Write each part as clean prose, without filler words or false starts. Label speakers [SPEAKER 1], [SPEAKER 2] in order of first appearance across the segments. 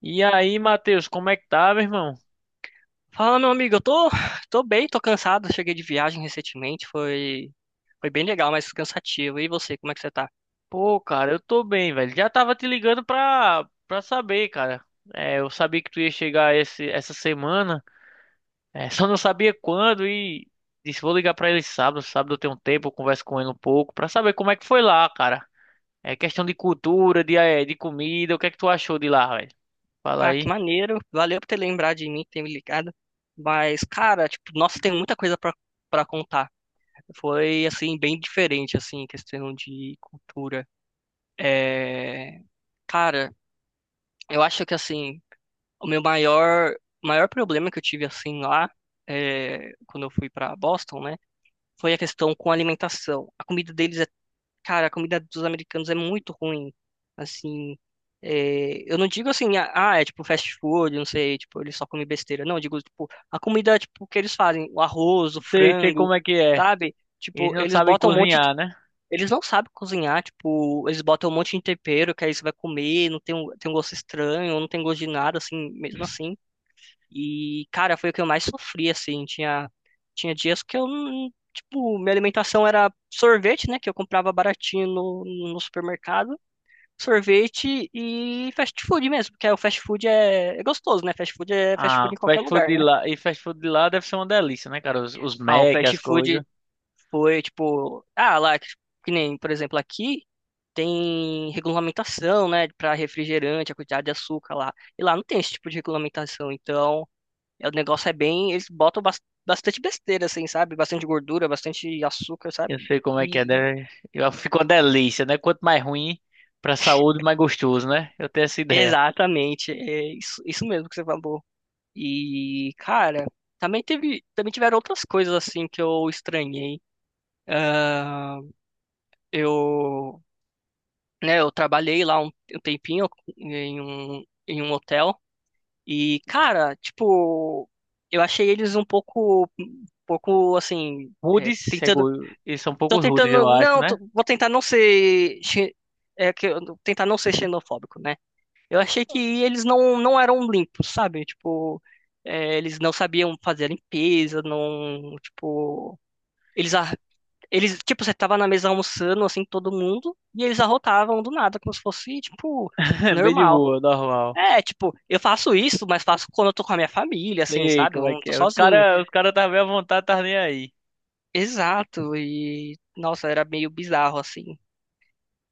[SPEAKER 1] E aí, Matheus, como é que tá, meu irmão?
[SPEAKER 2] Fala, meu amigo, eu tô bem, tô cansado. Cheguei de viagem recentemente, foi bem legal, mas cansativo. E você, como é que você tá?
[SPEAKER 1] Pô, cara, eu tô bem, velho. Já tava te ligando pra saber, cara. É, eu sabia que tu ia chegar essa semana, só não sabia quando e disse, vou ligar pra ele sábado. Sábado eu tenho um tempo, eu converso com ele um pouco, pra saber como é que foi lá, cara. É questão de cultura, de, de comida, o que é que tu achou de lá, velho? Fala
[SPEAKER 2] Ah, que
[SPEAKER 1] aí.
[SPEAKER 2] maneiro. Valeu por ter lembrado de mim, ter me ligado. Mas, cara, tipo, nossa, tem muita coisa pra contar. Foi, assim, bem diferente, assim, em questão de cultura. É, cara, eu acho que, assim, o meu maior problema que eu tive, assim, lá, quando eu fui pra Boston, né, foi a questão com a alimentação. A comida deles é, cara, a comida dos americanos é muito ruim, assim, eu não digo assim, ah, é tipo fast food, não sei, tipo, eles só comem besteira. Não, eu digo, tipo, a comida, tipo, que eles fazem, o arroz, o
[SPEAKER 1] Sei, sei
[SPEAKER 2] frango,
[SPEAKER 1] como é que é.
[SPEAKER 2] sabe?
[SPEAKER 1] Eles
[SPEAKER 2] Tipo,
[SPEAKER 1] não
[SPEAKER 2] eles
[SPEAKER 1] sabem
[SPEAKER 2] botam um monte.
[SPEAKER 1] cozinhar, né?
[SPEAKER 2] Eles não sabem cozinhar, tipo, eles botam um monte de tempero que aí você vai comer, não tem um gosto estranho, não tem gosto de nada, assim, mesmo assim. E, cara, foi o que eu mais sofri, assim. Tinha dias que eu, tipo, minha alimentação era sorvete, né, que eu comprava baratinho no supermercado, sorvete e fast food mesmo, porque aí o fast food é gostoso, né? Fast food é fast
[SPEAKER 1] Ah,
[SPEAKER 2] food em qualquer
[SPEAKER 1] fast food
[SPEAKER 2] lugar,
[SPEAKER 1] de
[SPEAKER 2] né?
[SPEAKER 1] lá, e fast food de lá deve ser uma delícia, né, cara? Os
[SPEAKER 2] Ah, o
[SPEAKER 1] Mac,
[SPEAKER 2] fast
[SPEAKER 1] as
[SPEAKER 2] food.
[SPEAKER 1] coisas.
[SPEAKER 2] Foi tipo, ah, lá, que nem, por exemplo, aqui tem regulamentação, né, para refrigerante, a quantidade de açúcar lá. E lá não tem esse tipo de regulamentação. Então, é, o negócio é bem, eles botam bastante besteira, assim, sabe? Bastante gordura, bastante açúcar, sabe?
[SPEAKER 1] Eu sei como é que é,
[SPEAKER 2] E
[SPEAKER 1] né? Fica uma delícia, né? Quanto mais ruim pra saúde, mais gostoso, né? Eu tenho essa ideia.
[SPEAKER 2] exatamente, é isso, isso mesmo que você falou. E, cara, também teve, também tiveram outras coisas assim que eu estranhei. Ah, eu né? Eu trabalhei lá um tempinho em um hotel e, cara, tipo, eu achei eles um pouco assim,
[SPEAKER 1] Rudes, seguro. Eles são
[SPEAKER 2] tô
[SPEAKER 1] poucos rudes,
[SPEAKER 2] tentando,
[SPEAKER 1] eu acho,
[SPEAKER 2] não,
[SPEAKER 1] né?
[SPEAKER 2] vou tentar não ser, tentar não ser xenofóbico, né? Eu achei que eles não eram limpos, sabe? Tipo, é, eles não sabiam fazer a limpeza, não, tipo, eles a- eles, tipo, você tava na mesa almoçando, assim, todo mundo, e eles arrotavam do nada, como se fosse, tipo,
[SPEAKER 1] Bem de
[SPEAKER 2] normal.
[SPEAKER 1] boa, normal.
[SPEAKER 2] É, tipo, eu faço isso, mas faço quando eu tô com a minha família, assim,
[SPEAKER 1] Sei
[SPEAKER 2] sabe?
[SPEAKER 1] como é
[SPEAKER 2] Quando eu
[SPEAKER 1] que
[SPEAKER 2] tô
[SPEAKER 1] é.
[SPEAKER 2] sozinho.
[SPEAKER 1] Os cara tá bem à vontade, tá nem aí.
[SPEAKER 2] Exato, e, nossa, era meio bizarro, assim.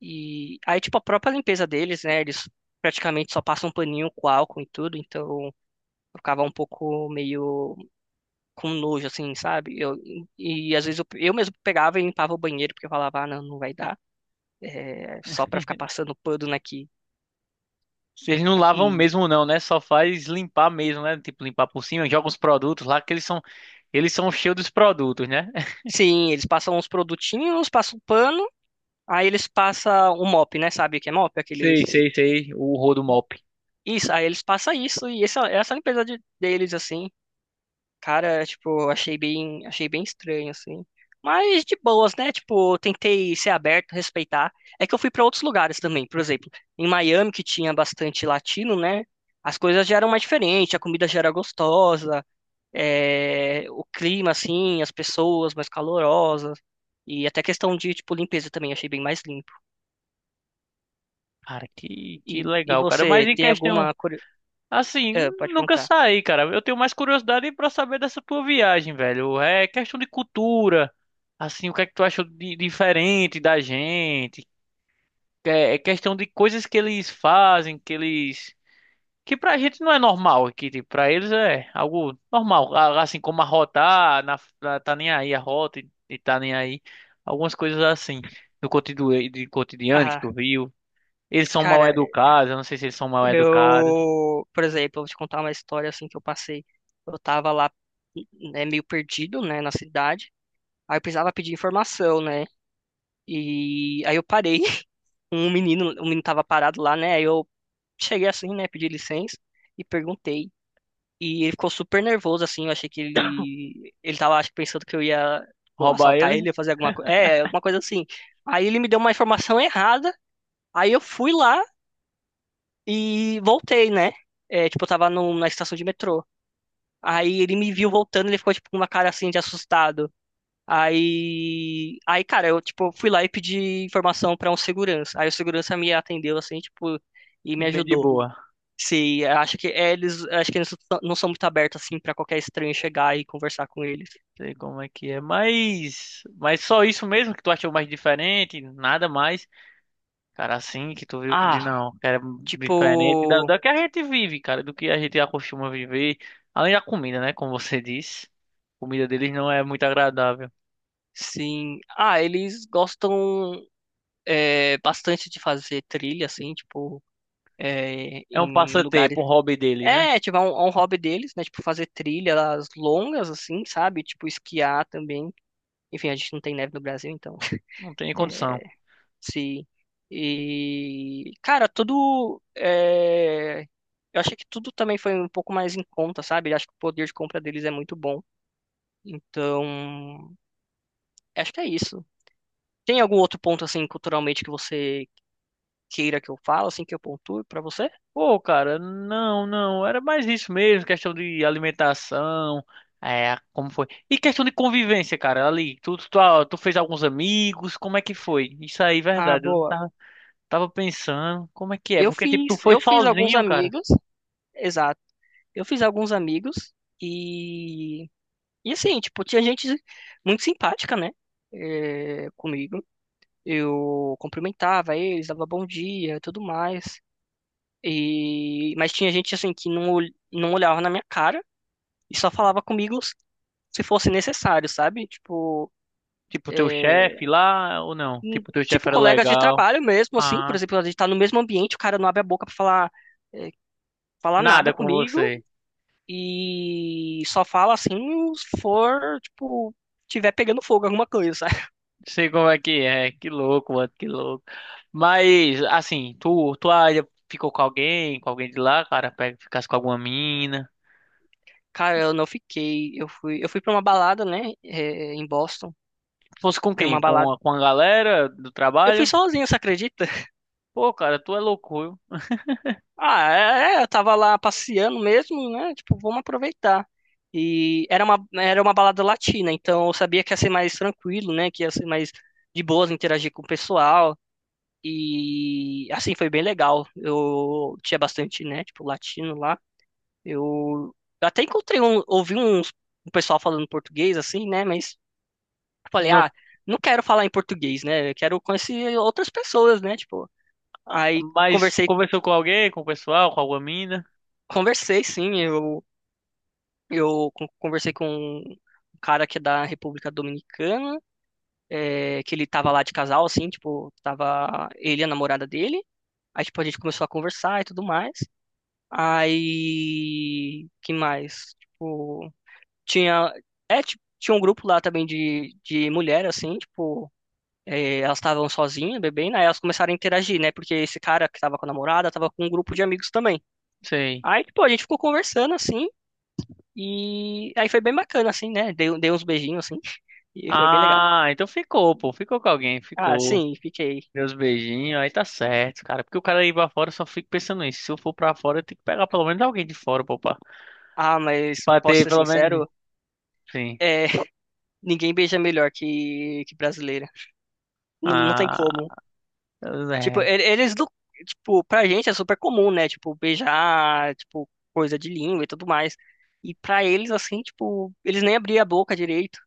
[SPEAKER 2] E aí, tipo, a própria limpeza deles, né? Eles praticamente só passam um paninho com álcool e tudo, então eu ficava um pouco meio com nojo, assim, sabe? Eu, e às vezes eu mesmo pegava e limpava o banheiro, porque eu falava, ah, não, não vai dar. É, só pra ficar passando pano aqui.
[SPEAKER 1] Vocês não lavam
[SPEAKER 2] E
[SPEAKER 1] mesmo não, né? Só faz limpar mesmo, né? Tipo, limpar por cima, joga os produtos lá que eles são cheios dos produtos, né?
[SPEAKER 2] sim, eles passam uns produtinhos, passam pano, aí eles passam o mop, né? Sabe o que é mop? Aqueles.
[SPEAKER 1] Sei, sei, sei, o rodo mop.
[SPEAKER 2] Isso, aí eles passam isso, e essa limpeza deles, assim, cara, tipo, achei bem estranho, assim. Mas de boas, né? Tipo, eu tentei ser aberto, respeitar. É que eu fui pra outros lugares também, por exemplo, em Miami, que tinha bastante latino, né? As coisas já eram mais diferentes, a comida já era gostosa. O clima, assim, as pessoas mais calorosas. E até questão de, tipo, limpeza também, achei bem mais limpo.
[SPEAKER 1] Cara, que
[SPEAKER 2] E
[SPEAKER 1] legal, cara. Mas
[SPEAKER 2] você,
[SPEAKER 1] em
[SPEAKER 2] tem
[SPEAKER 1] questão.
[SPEAKER 2] alguma... curio-
[SPEAKER 1] Assim,
[SPEAKER 2] Ah, pode
[SPEAKER 1] nunca
[SPEAKER 2] perguntar.
[SPEAKER 1] saí, cara. Eu tenho mais curiosidade pra saber dessa tua viagem, velho. É questão de cultura. Assim, o que é que tu achou de diferente da gente? É, é questão de coisas que eles fazem, que eles que pra gente não é normal, que tipo, pra eles é algo normal, assim como arrotar, tá nem aí a rota e tá nem aí. Algumas coisas assim do cotidiano, de cotidiano que
[SPEAKER 2] Ah,
[SPEAKER 1] tu viu. Eles são mal
[SPEAKER 2] cara,
[SPEAKER 1] educados, eu não sei se eles são mal educados.
[SPEAKER 2] eu... Por exemplo, eu vou te contar uma história, assim, que eu passei. Eu tava lá, né, meio perdido, né, na cidade. Aí eu precisava pedir informação, né? E aí eu parei. Um menino, o menino tava parado lá, né? Aí eu cheguei assim, né, pedi licença e perguntei. E ele ficou super nervoso, assim. Eu achei que ele. Ele tava, acho que, pensando que eu ia, tipo,
[SPEAKER 1] Roubar
[SPEAKER 2] assaltar
[SPEAKER 1] ele,
[SPEAKER 2] ele, ia fazer alguma coisa. É, alguma coisa assim. Aí ele me deu uma informação errada. Aí eu fui lá e voltei, né? É, tipo, eu tava na estação de metrô. Aí ele me viu voltando, ele ficou, tipo, com uma cara assim de assustado. Aí. Aí, cara, eu, tipo, fui lá e pedi informação pra um segurança. Aí o segurança me atendeu, assim, tipo, e me
[SPEAKER 1] bem de
[SPEAKER 2] ajudou.
[SPEAKER 1] boa.
[SPEAKER 2] Se acha que é, eles, acho que eles não são muito abertos assim pra qualquer estranho chegar e conversar com eles.
[SPEAKER 1] Sei como é que é, mas só isso mesmo que tu achou mais diferente, nada mais, cara, assim que tu viu que diz,
[SPEAKER 2] Ah,
[SPEAKER 1] não, cara,
[SPEAKER 2] tipo,
[SPEAKER 1] diferente da que a gente vive, cara, do que a gente acostuma viver, além da comida, né, como você disse, a comida deles não é muito agradável,
[SPEAKER 2] sim. Ah, eles gostam bastante de fazer trilha assim, tipo,
[SPEAKER 1] é um
[SPEAKER 2] em lugares.
[SPEAKER 1] passatempo, um hobby deles, né,
[SPEAKER 2] É, tipo, é um hobby deles, né? Tipo, fazer trilhas longas assim, sabe? Tipo, esquiar também. Enfim, a gente não tem neve no Brasil, então.
[SPEAKER 1] não tem condição.
[SPEAKER 2] Sim. E, cara, tudo. Eu achei que tudo também foi um pouco mais em conta, sabe? Eu acho que o poder de compra deles é muito bom. Então, acho que é isso. Tem algum outro ponto, assim, culturalmente que você queira que eu fale, assim, que eu pontue pra você?
[SPEAKER 1] Pô, cara, não, não, era mais isso mesmo, questão de alimentação, é, como foi? E questão de convivência, cara, ali, tu fez alguns amigos, como é que foi? Isso aí,
[SPEAKER 2] Ah,
[SPEAKER 1] verdade, eu não
[SPEAKER 2] boa.
[SPEAKER 1] tava, tava pensando, como é que é?
[SPEAKER 2] Eu
[SPEAKER 1] Porque, tipo, tu
[SPEAKER 2] fiz,
[SPEAKER 1] foi
[SPEAKER 2] eu fiz alguns
[SPEAKER 1] sozinho, cara,
[SPEAKER 2] amigos, exato. Eu fiz alguns amigos e. E assim, tipo, tinha gente muito simpática, né? Comigo. Eu cumprimentava eles, dava bom dia, e tudo mais. E mas tinha gente assim que não olhava na minha cara e só falava comigo se fosse necessário, sabe? Tipo,
[SPEAKER 1] tipo, teu chefe lá, ou não? Tipo, teu chefe
[SPEAKER 2] tipo
[SPEAKER 1] era
[SPEAKER 2] colegas de
[SPEAKER 1] legal,
[SPEAKER 2] trabalho mesmo assim, por
[SPEAKER 1] ah,
[SPEAKER 2] exemplo, a gente tá no mesmo ambiente, o cara não abre a boca pra falar eh, falar nada
[SPEAKER 1] nada com
[SPEAKER 2] comigo
[SPEAKER 1] você.
[SPEAKER 2] e só fala assim se for, tipo, tiver pegando fogo alguma coisa, sabe?
[SPEAKER 1] Sei como é, que louco, mano, que louco. Mas, assim, tu ainda ficou com alguém de lá, cara, pega, ficasse com alguma mina...
[SPEAKER 2] Cara, eu não fiquei, eu fui para uma balada, né, em Boston.
[SPEAKER 1] Fosse com
[SPEAKER 2] É uma
[SPEAKER 1] quem? Com
[SPEAKER 2] balada.
[SPEAKER 1] com a galera do
[SPEAKER 2] Eu fui
[SPEAKER 1] trabalho?
[SPEAKER 2] sozinho, você acredita?
[SPEAKER 1] Pô, cara, tu é louco, viu?
[SPEAKER 2] Ah, é, eu tava lá passeando mesmo, né? Tipo, vamos aproveitar. E era uma balada latina, então eu sabia que ia ser mais tranquilo, né? Que ia ser mais de boas interagir com o pessoal. E assim foi bem legal. Eu tinha bastante, né? Tipo, latino lá. Eu até encontrei um, ouvi uns, um pessoal falando português, assim, né? Mas eu falei,
[SPEAKER 1] Não,
[SPEAKER 2] ah, não quero falar em português, né? Eu quero conhecer outras pessoas, né? Tipo, aí.
[SPEAKER 1] mas conversou com alguém, com o pessoal, com alguma mina?
[SPEAKER 2] Conversei, sim. Eu, conversei com um cara que é da República Dominicana, é, que ele tava lá de casal, assim, tipo, tava ele e a namorada dele. Aí, tipo, a gente começou a conversar e tudo mais. Aí, que mais? Tipo, tinha, é, tipo, tinha um grupo lá também de mulher, assim, tipo, é, elas estavam sozinhas, bebendo, aí elas começaram a interagir, né? Porque esse cara que tava com a namorada tava com um grupo de amigos também.
[SPEAKER 1] Sei.
[SPEAKER 2] Aí, tipo, a gente ficou conversando, assim, e aí foi bem bacana, assim, né? Dei uns beijinhos, assim, e foi bem legal.
[SPEAKER 1] Ah, então ficou, pô. Ficou com alguém,
[SPEAKER 2] Ah,
[SPEAKER 1] ficou.
[SPEAKER 2] sim, fiquei.
[SPEAKER 1] Meus beijinhos, aí tá certo, cara. Porque o cara ir pra fora, eu só fico pensando nisso. Se eu for pra fora, eu tenho que pegar pelo menos alguém de fora, pô, pra,
[SPEAKER 2] Ah, mas
[SPEAKER 1] pra
[SPEAKER 2] posso
[SPEAKER 1] ter
[SPEAKER 2] ser
[SPEAKER 1] pelo menos.
[SPEAKER 2] sincero,
[SPEAKER 1] Sim.
[SPEAKER 2] é, ninguém beija melhor que brasileira. Não, não tem
[SPEAKER 1] Ah,
[SPEAKER 2] como. Tipo,
[SPEAKER 1] é.
[SPEAKER 2] eles do. Tipo, pra gente é super comum, né? Tipo, beijar, tipo, coisa de língua e tudo mais. E pra eles, assim, tipo, eles nem abriam a boca direito.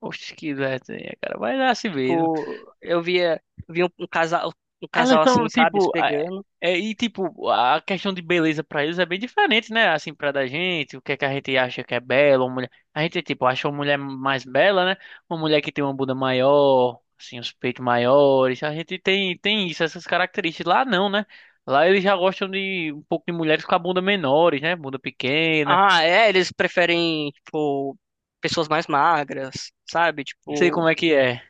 [SPEAKER 1] Oxe, que ideia, cara. Vai lá se ver. Né?
[SPEAKER 2] Tipo, eu via um casal, um
[SPEAKER 1] Elas
[SPEAKER 2] casal,
[SPEAKER 1] são
[SPEAKER 2] assim, sabe,
[SPEAKER 1] tipo.
[SPEAKER 2] se
[SPEAKER 1] A-
[SPEAKER 2] pegando.
[SPEAKER 1] é, e tipo, a questão de beleza pra eles é bem diferente, né? Assim, pra da gente, o que é que a gente acha que é bela, uma mulher. A gente, tipo, acha uma mulher mais bela, né? Uma mulher que tem uma bunda maior, assim, os peitos maiores. A gente tem isso, essas características. Lá não, né? Lá eles já gostam de um pouco de mulheres com a bunda menores, né? Bunda pequena.
[SPEAKER 2] Ah, é, eles preferem, tipo, pessoas mais magras, sabe?
[SPEAKER 1] Sei como
[SPEAKER 2] Tipo,
[SPEAKER 1] é que é.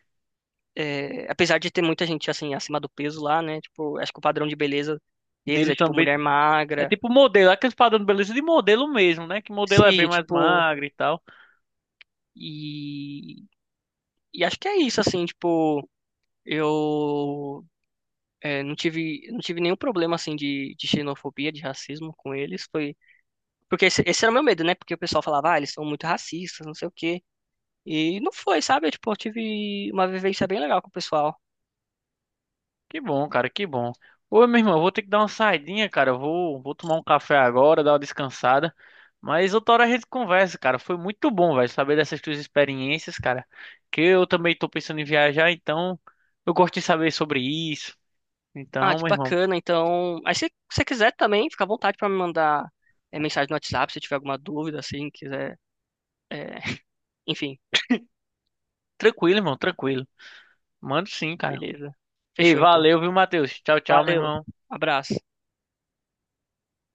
[SPEAKER 2] é, apesar de ter muita gente, assim, acima do peso lá, né? Tipo, acho que o padrão de beleza deles é,
[SPEAKER 1] Deles
[SPEAKER 2] tipo,
[SPEAKER 1] também.
[SPEAKER 2] mulher
[SPEAKER 1] É
[SPEAKER 2] magra.
[SPEAKER 1] tipo modelo, aqueles padrão de beleza de modelo mesmo, né? Que modelo é bem
[SPEAKER 2] Sim,
[SPEAKER 1] mais
[SPEAKER 2] tipo,
[SPEAKER 1] magro e tal.
[SPEAKER 2] e, e acho que é isso, assim, tipo, eu não tive nenhum problema, assim, de xenofobia, de racismo com eles. Foi, porque esse era o meu medo, né? Porque o pessoal falava, ah, eles são muito racistas, não sei o quê. E não foi, sabe? Tipo, eu tive uma vivência bem legal com o pessoal.
[SPEAKER 1] Que bom, cara, que bom. Ô, meu irmão, eu vou ter que dar uma saidinha, cara. Vou tomar um café agora, dar uma descansada. Mas outra hora a gente conversa, cara. Foi muito bom, velho, saber dessas tuas experiências, cara. Que eu também tô pensando em viajar, então eu gosto de saber sobre isso.
[SPEAKER 2] Ah,
[SPEAKER 1] Então,
[SPEAKER 2] que
[SPEAKER 1] meu irmão,
[SPEAKER 2] bacana. Então, aí se você quiser também, fica à vontade para me mandar mensagem no WhatsApp se tiver alguma dúvida, assim, quiser. é, Enfim,
[SPEAKER 1] tranquilo, irmão, tranquilo. Mando sim, cara.
[SPEAKER 2] beleza.
[SPEAKER 1] Ei,
[SPEAKER 2] Fechou então.
[SPEAKER 1] valeu, viu, Matheus? Tchau, tchau, meu
[SPEAKER 2] Valeu.
[SPEAKER 1] irmão.
[SPEAKER 2] Abraço.